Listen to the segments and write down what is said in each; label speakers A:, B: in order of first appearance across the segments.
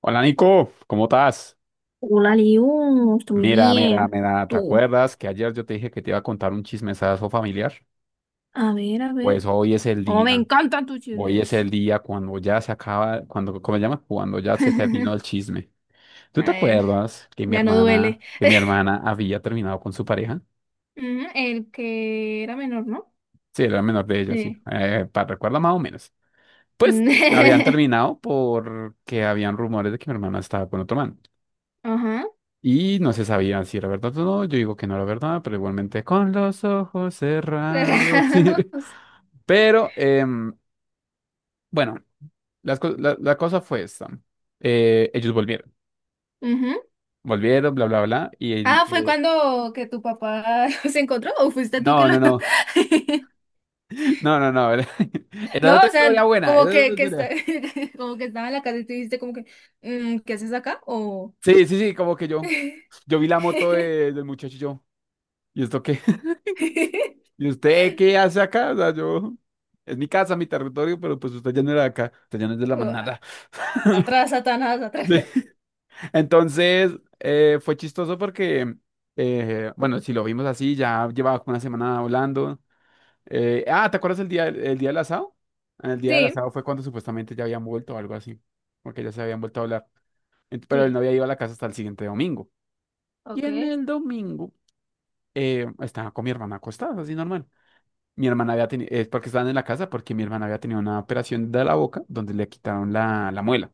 A: Hola Nico, ¿cómo estás?
B: Hola, Liu, estoy muy
A: Mira, mira,
B: bien.
A: mira, ¿te
B: Tú.
A: acuerdas que ayer yo te dije que te iba a contar un chismesazo familiar?
B: A ver, a
A: Pues
B: ver.
A: hoy es el
B: Oh, me
A: día,
B: encantan tus
A: hoy es
B: chismes.
A: el día cuando ya se acaba, cuando, ¿cómo se llama? Cuando ya se terminó el chisme. ¿Tú
B: A
A: te
B: ver,
A: acuerdas que mi
B: ya no duele.
A: hermana, había terminado con su pareja?
B: Ujú, el que era menor, ¿no?
A: Sí, era menor de ella, sí,
B: Sí.
A: para recuerda más o menos. Pues habían terminado porque habían rumores de que mi hermana estaba con otro man.
B: Ajá.
A: Y no se sabía si era verdad o no. Yo digo que no era verdad, pero igualmente con los ojos cerrados.
B: Cerrados.
A: Pero bueno, la cosa fue esta. Ellos volvieron,
B: Ujú.
A: volvieron, bla, bla, bla.
B: Ah, ¿fue cuando que tu papá los encontró o fuiste tú que
A: No,
B: lo?
A: no, no, no, no, no. Era, era
B: No,
A: otra
B: o sea,
A: historia buena.
B: como
A: Era otra
B: que, que está.
A: historia.
B: Como que estaba en la casa y tú dijiste como que, "Mm, ¿qué haces acá?
A: Sí, sí, sí, como que yo vi la moto del muchacho y yo, ¿y esto qué? ¿Y usted qué hace acá? O sea, yo, es mi casa, mi territorio, pero pues usted ya no era de acá, usted ya no es de la
B: O, "A-
A: manada.
B: atrás, Satanás, atrás."
A: Sí. Entonces, fue chistoso porque, bueno, si lo vimos así, ya llevaba como una semana hablando. ¿Te acuerdas el día del asado? En el día del
B: Sí.
A: asado fue cuando supuestamente ya habían vuelto o algo así, porque ya se habían vuelto a hablar. Pero él no
B: Sí,
A: había ido a la casa hasta el siguiente domingo. Y en
B: ok.
A: el domingo estaba con mi hermana acostada, así normal. Mi hermana había tenido, es porque estaban en la casa, porque mi hermana había tenido una operación de la boca donde le quitaron la, la muela.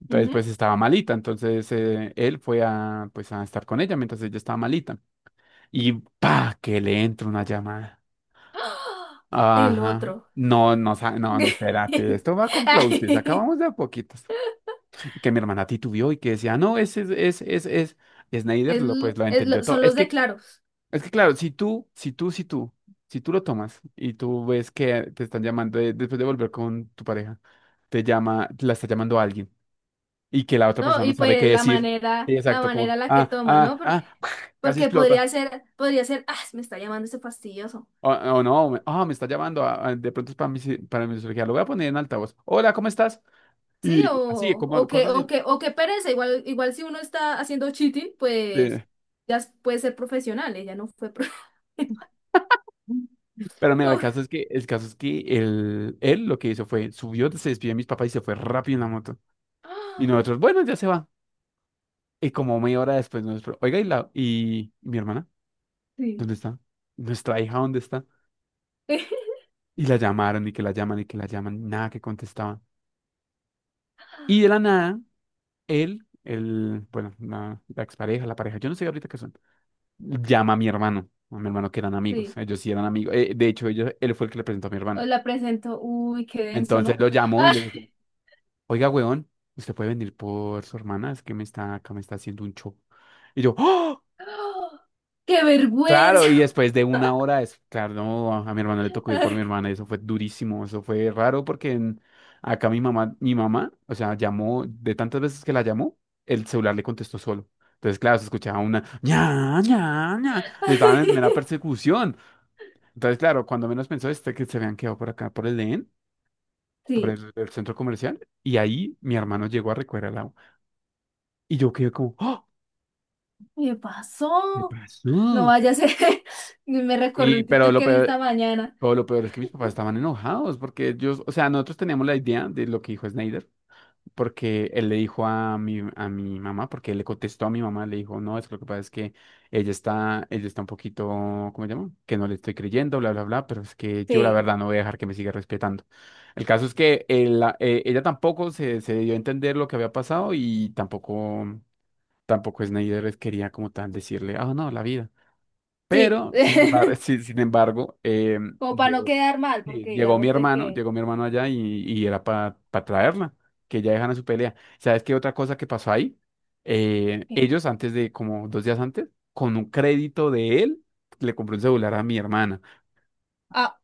A: Entonces, pues
B: Ujú.
A: estaba malita. Entonces, él fue a, pues, a estar con ella mientras ella estaba malita. Y pa, que le entra una llamada.
B: ¡Ah! El
A: Ajá.
B: otro.
A: No, no, no, no, espérate, esto va con plotes,
B: Ay.
A: acabamos de a poquitos. Que mi hermana titubió y que decía, no, ese es, y Snyder,
B: Es,
A: lo,
B: l-
A: pues lo
B: es
A: entendió
B: lo-
A: todo.
B: son los de claros,
A: Es que claro, si tú lo tomas y tú ves que te están llamando después de volver con tu pareja, te llama, la está llamando alguien y que la otra
B: ¿no?
A: persona no
B: Y
A: sabe qué
B: pues la
A: decir.
B: manera,
A: Sí,
B: la
A: exacto,
B: manera
A: como,
B: en la que
A: ah,
B: toma,
A: ah,
B: ¿no? Porque,
A: ah, casi
B: porque
A: explota.
B: podría ser, ah, me está llamando ese fastidioso.
A: O no,
B: O-
A: me está llamando, ah, ah, de pronto es para mi, para mi cirugía, lo voy a poner en altavoz. Hola, ¿cómo estás?
B: Sí,
A: Y así,
B: o, o
A: como
B: que,
A: cosas
B: o
A: así.
B: que, o que pereza. Igual, igual si uno está haciendo cheating, pues
A: eh,
B: puede ser profesional, ella no fue
A: Pero mira,
B: como-
A: el caso es que él lo que hizo fue, subió, se despidió de mis papás y se fue rápido en la moto. Y
B: ¡Ah!
A: nosotros, bueno, ya se va. Y como media hora después, nosotros, oiga, ¿y, la, y mi hermana?
B: Sí,
A: ¿Dónde está? ¿Nuestra hija dónde está? Y la llamaron, y que la llaman, y que la llaman, nada que contestaban. Y de la nada, bueno, la expareja, la pareja, yo no sé ahorita qué son, llama a mi hermano que eran amigos,
B: sí.
A: ellos sí eran amigos, de hecho ellos, él fue el que le presentó a mi
B: Os
A: hermano.
B: la presento. Uy, qué denso,
A: Entonces
B: ¿no?
A: lo llamó y
B: ¡Ah!
A: le dijo, oiga, weón, ¿usted puede venir por su hermana? Es que me está, acá me está haciendo un show. Y yo, ¡oh!
B: ¡Oh! ¡Qué
A: Claro,
B: vergüenza!
A: y después de una hora, es, claro, no, a mi hermano le tocó ir por mi hermana, y eso fue durísimo, eso fue raro porque acá mi mamá, o sea, llamó, de tantas veces que la llamó, el celular le contestó solo. Entonces, claro, se escuchaba una ña, ña, ña, y estaban en mera persecución. Entonces, claro, cuando menos pensó este que se habían quedado por acá, por el EN, por
B: Sí,
A: el centro comercial, y ahí mi hermano llegó a recoger al agua. Y yo quedé como, ¡oh!
B: me
A: ¿Qué
B: pasó. No
A: pasó?
B: vaya a ser. Me recordé
A: Y,
B: un
A: pero
B: TikTok
A: lo
B: que vi
A: peor,
B: esta mañana.
A: Pero lo peor es que mis papás estaban enojados porque ellos, o sea, nosotros teníamos la idea de lo que dijo Snyder, porque él le dijo a mi mamá, porque él le contestó a mi mamá, le dijo, no, es que lo que pasa es que ella está un poquito, ¿cómo se llama? Que no le estoy creyendo, bla, bla, bla, pero es que yo la
B: Sí,
A: verdad no voy a dejar que me siga respetando. El caso es que ella tampoco se, se dio a entender lo que había pasado y tampoco, tampoco Snyder quería como tal decirle, ah, no, la vida.
B: sí.
A: Pero, sin embargo, sin embargo,
B: Como para no quedar mal,
A: sí,
B: porque digamos de que.
A: llegó mi hermano allá y era para traerla, que ya dejan a su pelea. ¿Sabes qué otra cosa que pasó ahí?
B: que-
A: Ellos antes de, como dos días antes, con un crédito de él, le compró un celular a mi hermana.
B: Ah.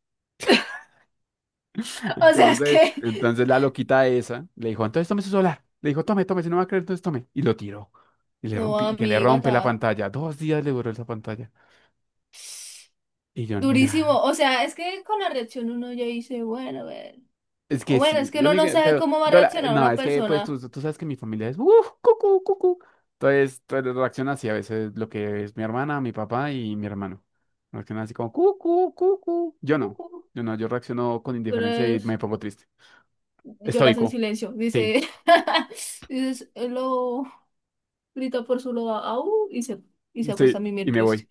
B: O sea, es
A: Entonces,
B: que.
A: entonces la loquita esa le dijo, entonces tome su celular. Le dijo, tome, tome, si no va a creer, entonces tome. Y lo tiró. Y le
B: No,
A: rompí, y que le
B: amiga,
A: rompe la
B: está
A: pantalla. Dos días le duró esa pantalla. Y yo, nah.
B: durísimo. O sea, es que con la reacción uno ya dice, bueno, a ver.
A: Es
B: O
A: que
B: bueno, es
A: sí,
B: que
A: yo
B: uno
A: ni
B: no
A: que-
B: sabe
A: pero
B: cómo va a
A: yo la-
B: reaccionar
A: no,
B: una
A: es que pues
B: persona.
A: tú sabes que mi familia es uff, cucú, cucú. Entonces, entonces reacciona así a veces lo que es mi hermana, mi papá y mi hermano. Reacciona así como cucú, cucú. Yo no, yo no, yo reacciono con indiferencia y
B: Pero
A: me pongo triste.
B: lloras en
A: Estoico.
B: silencio,
A: Sí,
B: dice, dices, lo grita por su loba, au, y se acuesta a
A: sí,
B: mimir
A: y me
B: triste.
A: voy.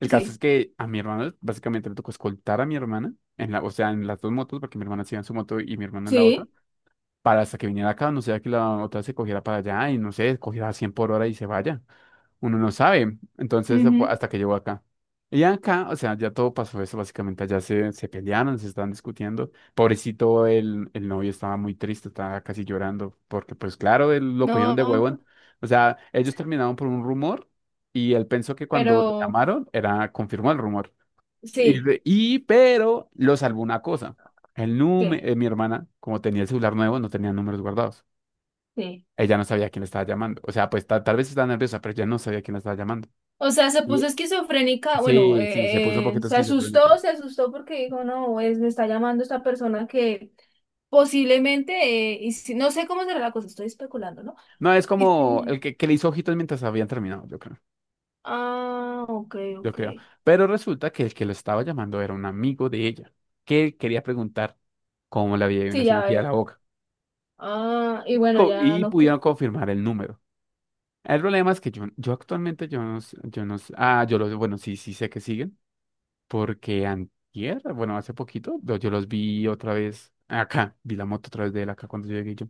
A: El caso es
B: Sí,
A: que a mi hermano básicamente le tocó escoltar a mi hermana en la, o sea, en las dos motos, porque mi hermana se iba en su moto y mi hermano en la otra,
B: sí,
A: para hasta que viniera acá, no sea que la otra se cogiera para allá y no sé, cogiera a 100 por hora y se vaya. Uno no sabe. Entonces,
B: ujú.
A: hasta que llegó acá. Y acá, o sea, ya todo pasó eso, básicamente allá se, se pelearon, se estaban discutiendo. Pobrecito, el novio estaba muy triste, estaba casi llorando, porque pues claro, él lo cogieron de
B: No,
A: huevón. O sea, ellos terminaron por un rumor y él pensó que cuando lo
B: pero
A: llamaron era, confirmó el rumor.
B: sí,
A: Pero lo salvó una cosa. El
B: ¿qué?
A: número, mi hermana, como tenía el celular nuevo, no tenía números guardados.
B: Sí.
A: Ella no sabía quién le estaba llamando. O sea, pues tal vez estaba nerviosa, pero ella no sabía quién le estaba llamando.
B: O sea, se puso esquizofrénica, bueno,
A: Sí, sí, se puso un poquito
B: se
A: esquizofrénica.
B: asustó, se asustó porque dijo, no, es, me está llamando esta persona que posiblemente, no sé cómo será la cosa, estoy especulando, ¿no?
A: No, es
B: Y
A: como
B: si-
A: el que le hizo ojitos mientras habían terminado, yo creo,
B: ah, ok,
A: yo
B: ok.
A: creo. Pero resulta que el que lo estaba llamando era un amigo de ella, que quería preguntar cómo le había ido en la
B: Sí, ya,
A: cirugía de
B: ya.
A: la boca.
B: Ah, y bueno, ya
A: Y
B: no.
A: pudieron confirmar el número. El problema es que yo actualmente, yo no, s- ah, yo los, bueno, sí, sí sé que siguen, porque antier, bueno, hace poquito, yo los vi otra vez acá, vi la moto otra vez de él acá cuando yo llegué yo.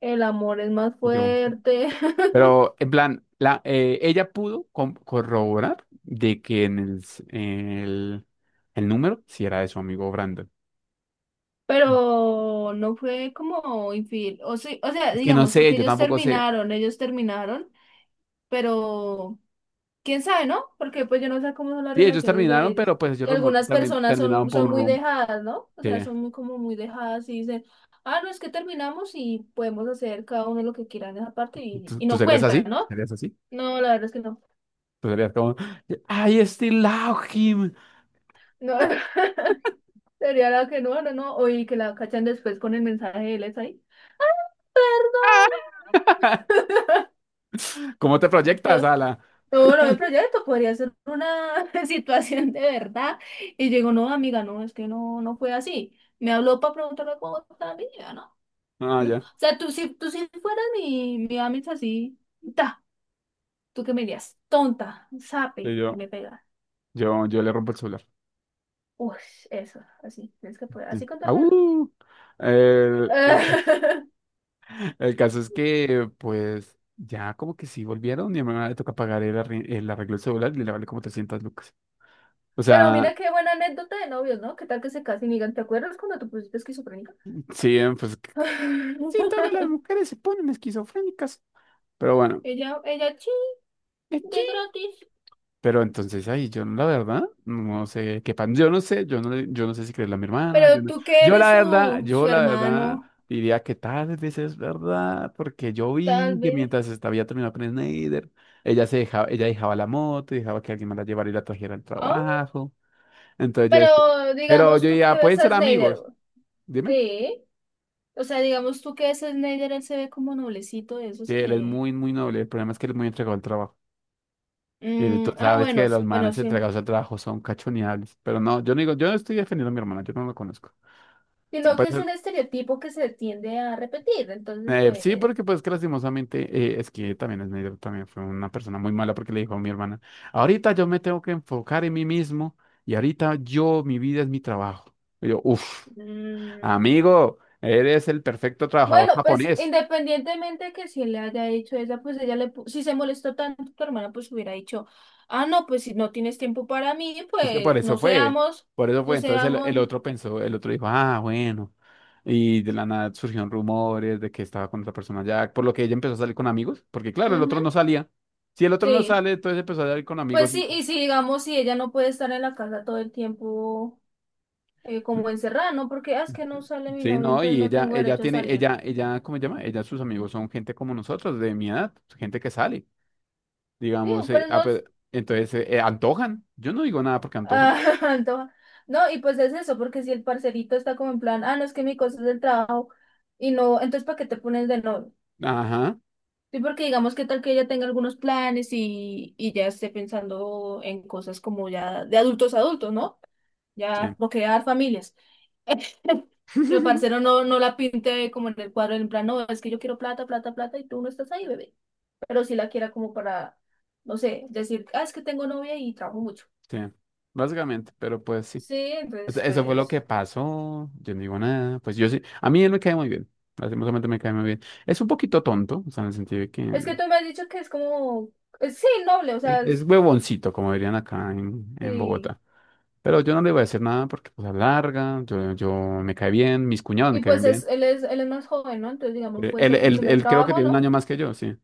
B: El amor es más
A: Y yo,
B: fuerte.
A: pero, en plan, ella pudo corroborar de que en el número sí era de su amigo Brandon.
B: Pero no fue como infiel. O sí, o sea,
A: Es que no
B: digamos,
A: sé,
B: porque
A: yo tampoco sé.
B: ellos terminaron, pero quién sabe, ¿no? Porque pues yo no sé cómo son las
A: Sí, ellos
B: relaciones de
A: terminaron,
B: ellos.
A: pero pues ellos
B: Y algunas personas
A: terminaron
B: son,
A: por
B: son
A: un
B: muy
A: rum.
B: dejadas, ¿no? O sea,
A: que-
B: son muy, como muy dejadas y dicen, ah, no, es que terminamos y podemos hacer cada uno lo que quiera en esa parte y,
A: ¿Tú,
B: y
A: tú
B: no
A: serías
B: cuentan,
A: así?
B: ¿no?
A: ¿Serías así?
B: No, la verdad es que no.
A: Tú serías como, I still love him.
B: No, sería la que no, no, no. O y que la cachan después con el mensaje de él es ahí.
A: ¿Cómo te proyectas,
B: Yo,
A: Ala?
B: yo lo de proyecto podría ser una situación de verdad. Y yo digo, no, amiga, no, es que no fue así. Me habló para preguntarle cómo estaba mi vida, ¿no?
A: Ah,
B: No. O
A: ya.
B: sea, tú si fueras mi amiga así, ta, tú qué me dirías, tonta,
A: Sí,
B: sape, y
A: yo,
B: me pega.
A: yo, yo le rompo el celular.
B: Uy, eso, así, tienes que poder,
A: Sí.
B: así con tu hermana.
A: Au. El- el- El caso es que, pues, ya como que sí volvieron y a mi mamá le toca pagar el arreglo del celular y le vale como 300 lucas. O
B: Pero
A: sea,
B: mira qué buena anécdota de novios, ¿no? ¿Qué tal que se casen y digan, ¿te acuerdas cuando te pusiste esquizofrénica?
A: sí, pues, sí, todas las mujeres se ponen esquizofrénicas. Pero bueno,
B: Ella, sí, de gratis.
A: pero entonces ahí yo la verdad no sé qué pan, yo no sé, yo no sé si creerle a mi hermana, yo
B: Pero
A: no.
B: tú que
A: Yo
B: eres
A: la verdad,
B: su,
A: yo
B: su
A: la verdad
B: hermano,
A: diría que tal vez es verdad, porque yo
B: tal
A: vi que
B: vez.
A: mientras estaba ya terminando con Snyder, ella se dejaba, ella dejaba la moto, dejaba que alguien más la llevara y la trajera al
B: Ah.
A: trabajo. Entonces yo decía,
B: Pero
A: pero
B: digamos
A: yo
B: tú que
A: ya
B: ves
A: pueden
B: a
A: ser
B: Snyder.
A: amigos, dime.
B: Sí. O sea, digamos tú que ves a Snyder, él se ve como noblecito de esos
A: Sí, él es
B: que.
A: muy, muy noble, el problema es que él es muy entregado al trabajo. Y
B: Mm,
A: tú
B: ah,
A: sabes
B: bueno,
A: que los
B: bueno,
A: manes
B: sí.
A: entregados al trabajo son cachoneables, pero no, yo no digo, yo no estoy defendiendo a mi hermana, yo no lo conozco. Ah,
B: Sino
A: pues,
B: que es un estereotipo que se tiende a repetir. Entonces,
A: sí,
B: pues.
A: porque pues que lastimosamente es que también es medio, también fue una persona muy mala porque le dijo a mi hermana, ahorita yo me tengo que enfocar en mí mismo y ahorita yo, mi vida es mi trabajo. Y yo, uff,
B: mm,
A: amigo, eres el perfecto trabajador
B: Bueno, pues
A: japonés.
B: independientemente que si le haya hecho esa, pues ella le, si se molestó tanto tu hermana, pues hubiera dicho, ah, no, pues si no tienes tiempo para mí,
A: Es que por
B: pues
A: eso
B: no
A: fue,
B: seamos,
A: por eso
B: no
A: fue. Entonces
B: seamos.
A: el otro pensó, el otro dijo, ah, bueno. Y de la nada surgieron rumores de que estaba con otra persona ya, por lo que ella empezó a salir con amigos, porque claro, el otro
B: Ujú,
A: no salía. Si el otro no
B: sí,
A: sale, entonces empezó a salir con amigos.
B: pues sí, y si digamos, si ella no puede estar en la casa todo el tiempo como encerrada, ¿no? Porque "Ah, es que no sale mi
A: Sí,
B: novio,
A: no,
B: entonces
A: y
B: no
A: ella,
B: tengo
A: ella
B: derecho a
A: tiene,
B: salir."
A: ella, ¿cómo se llama? Ella, sus amigos son gente como nosotros, de mi edad, gente que sale,
B: Sí,
A: digamos,
B: pero no.
A: pues, entonces, antojan, yo no digo nada porque
B: Ah.
A: antojan.
B: Antoja. No, y pues es eso, porque si el parcerito está como en plan, ah, no, es que mi cosa es del trabajo. Y no, entonces, ¿para qué te pones de novio?
A: Ajá,
B: Sí, porque digamos que tal que ella tenga algunos planes y ya esté pensando en cosas como ya de adultos a adultos, ¿no? Ya
A: sí,
B: procrear familias. Y el parcero no la pinte como en el cuadro, en plan, no, es que yo quiero plata, plata, plata y tú no estás ahí, bebé. Pero sí la quiera como para, no sé, decir, ah, es que tengo novia y trabajo mucho.
A: sí, básicamente, pero pues sí,
B: Sí,
A: Es-
B: entonces,
A: eso fue lo que
B: pues,
A: pasó, yo no digo nada, pues yo sí, a mí él me cae muy bien, lastimosamente me cae muy bien. Es un poquito tonto, o sea, en el sentido de que
B: es que tú me has dicho que es como, sí, noble, o
A: es
B: sea,
A: huevoncito, como dirían acá en
B: sí.
A: Bogotá. Pero yo no le voy a decir nada porque pues es larga, yo me cae bien, mis cuñados me
B: Y
A: caen
B: pues es,
A: bien.
B: él es más joven, ¿no? Entonces, digamos, puede
A: Él,
B: ser su
A: él,
B: primer
A: él creo que
B: trabajo,
A: tiene un
B: ¿no?
A: año más que yo, sí.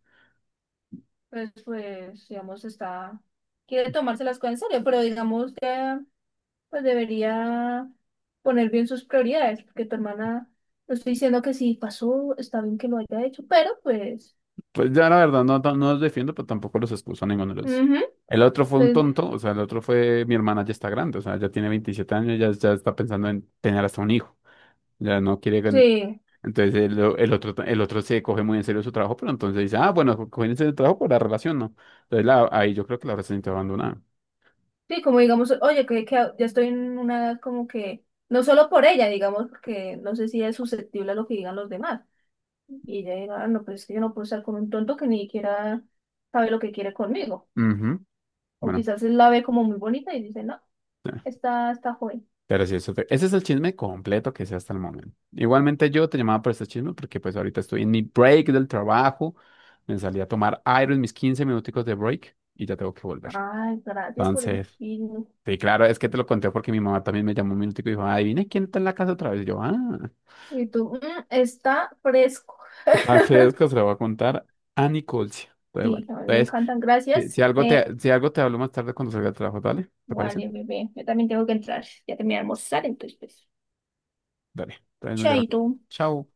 B: Pues, digamos, está, quiere tomarse las cosas en serio, pero digamos que, pues, debería poner bien sus prioridades, porque tu hermana, no estoy diciendo que si pasó, está bien que lo haya hecho, pero pues,
A: Pues ya la verdad no, no no los defiendo, pero tampoco los excuso a ninguno de los.
B: ujú,
A: El otro fue un
B: pues,
A: tonto, o sea, el otro fue, mi hermana ya está grande, o sea, ya tiene 27 años, ya, ya está pensando en tener hasta un hijo, ya no quiere...
B: sí,
A: Entonces el otro se coge muy en serio su trabajo, pero entonces dice, ah, bueno, cogen en serio el trabajo por la relación, ¿no? Entonces ahí yo creo que la relación está abandonada.
B: sí, como digamos, oye, que ya estoy en una edad como que, no solo por ella, digamos, porque no sé si es susceptible a lo que digan los demás, y ella diga, "Ah, no, pues es que yo no puedo estar con un tonto que ni siquiera sabe lo que quiere conmigo,"
A: Ujú,
B: o
A: bueno.
B: quizás él la ve como muy bonita y dice, no. Está joven.
A: Pero sí, ese es el chisme completo que sé hasta el momento. Igualmente yo te llamaba por este chisme porque pues ahorita estoy en mi break del trabajo. Me salí a tomar aire en mis 15 minuticos de break y ya tengo que volver.
B: Ay, gracias por el
A: Entonces,
B: film.
A: sí, claro, es que te lo conté porque mi mamá también me llamó un minutico y dijo, adivina quién está en la casa otra vez. Y yo, ah,
B: Y tú, está fresco.
A: a Federico se lo voy a contar a Nicolcia. Entonces, bueno,
B: Sí, a mí me
A: entonces,
B: encantan,
A: si,
B: gracias.
A: si algo te hablo más tarde cuando salga del trabajo, dale, ¿te parece?
B: Vale, bebé, yo también tengo que entrar. Ya terminé de almorzar, entonces, pues,
A: Dale, entonces nos llamamos.
B: chaito.
A: Chao.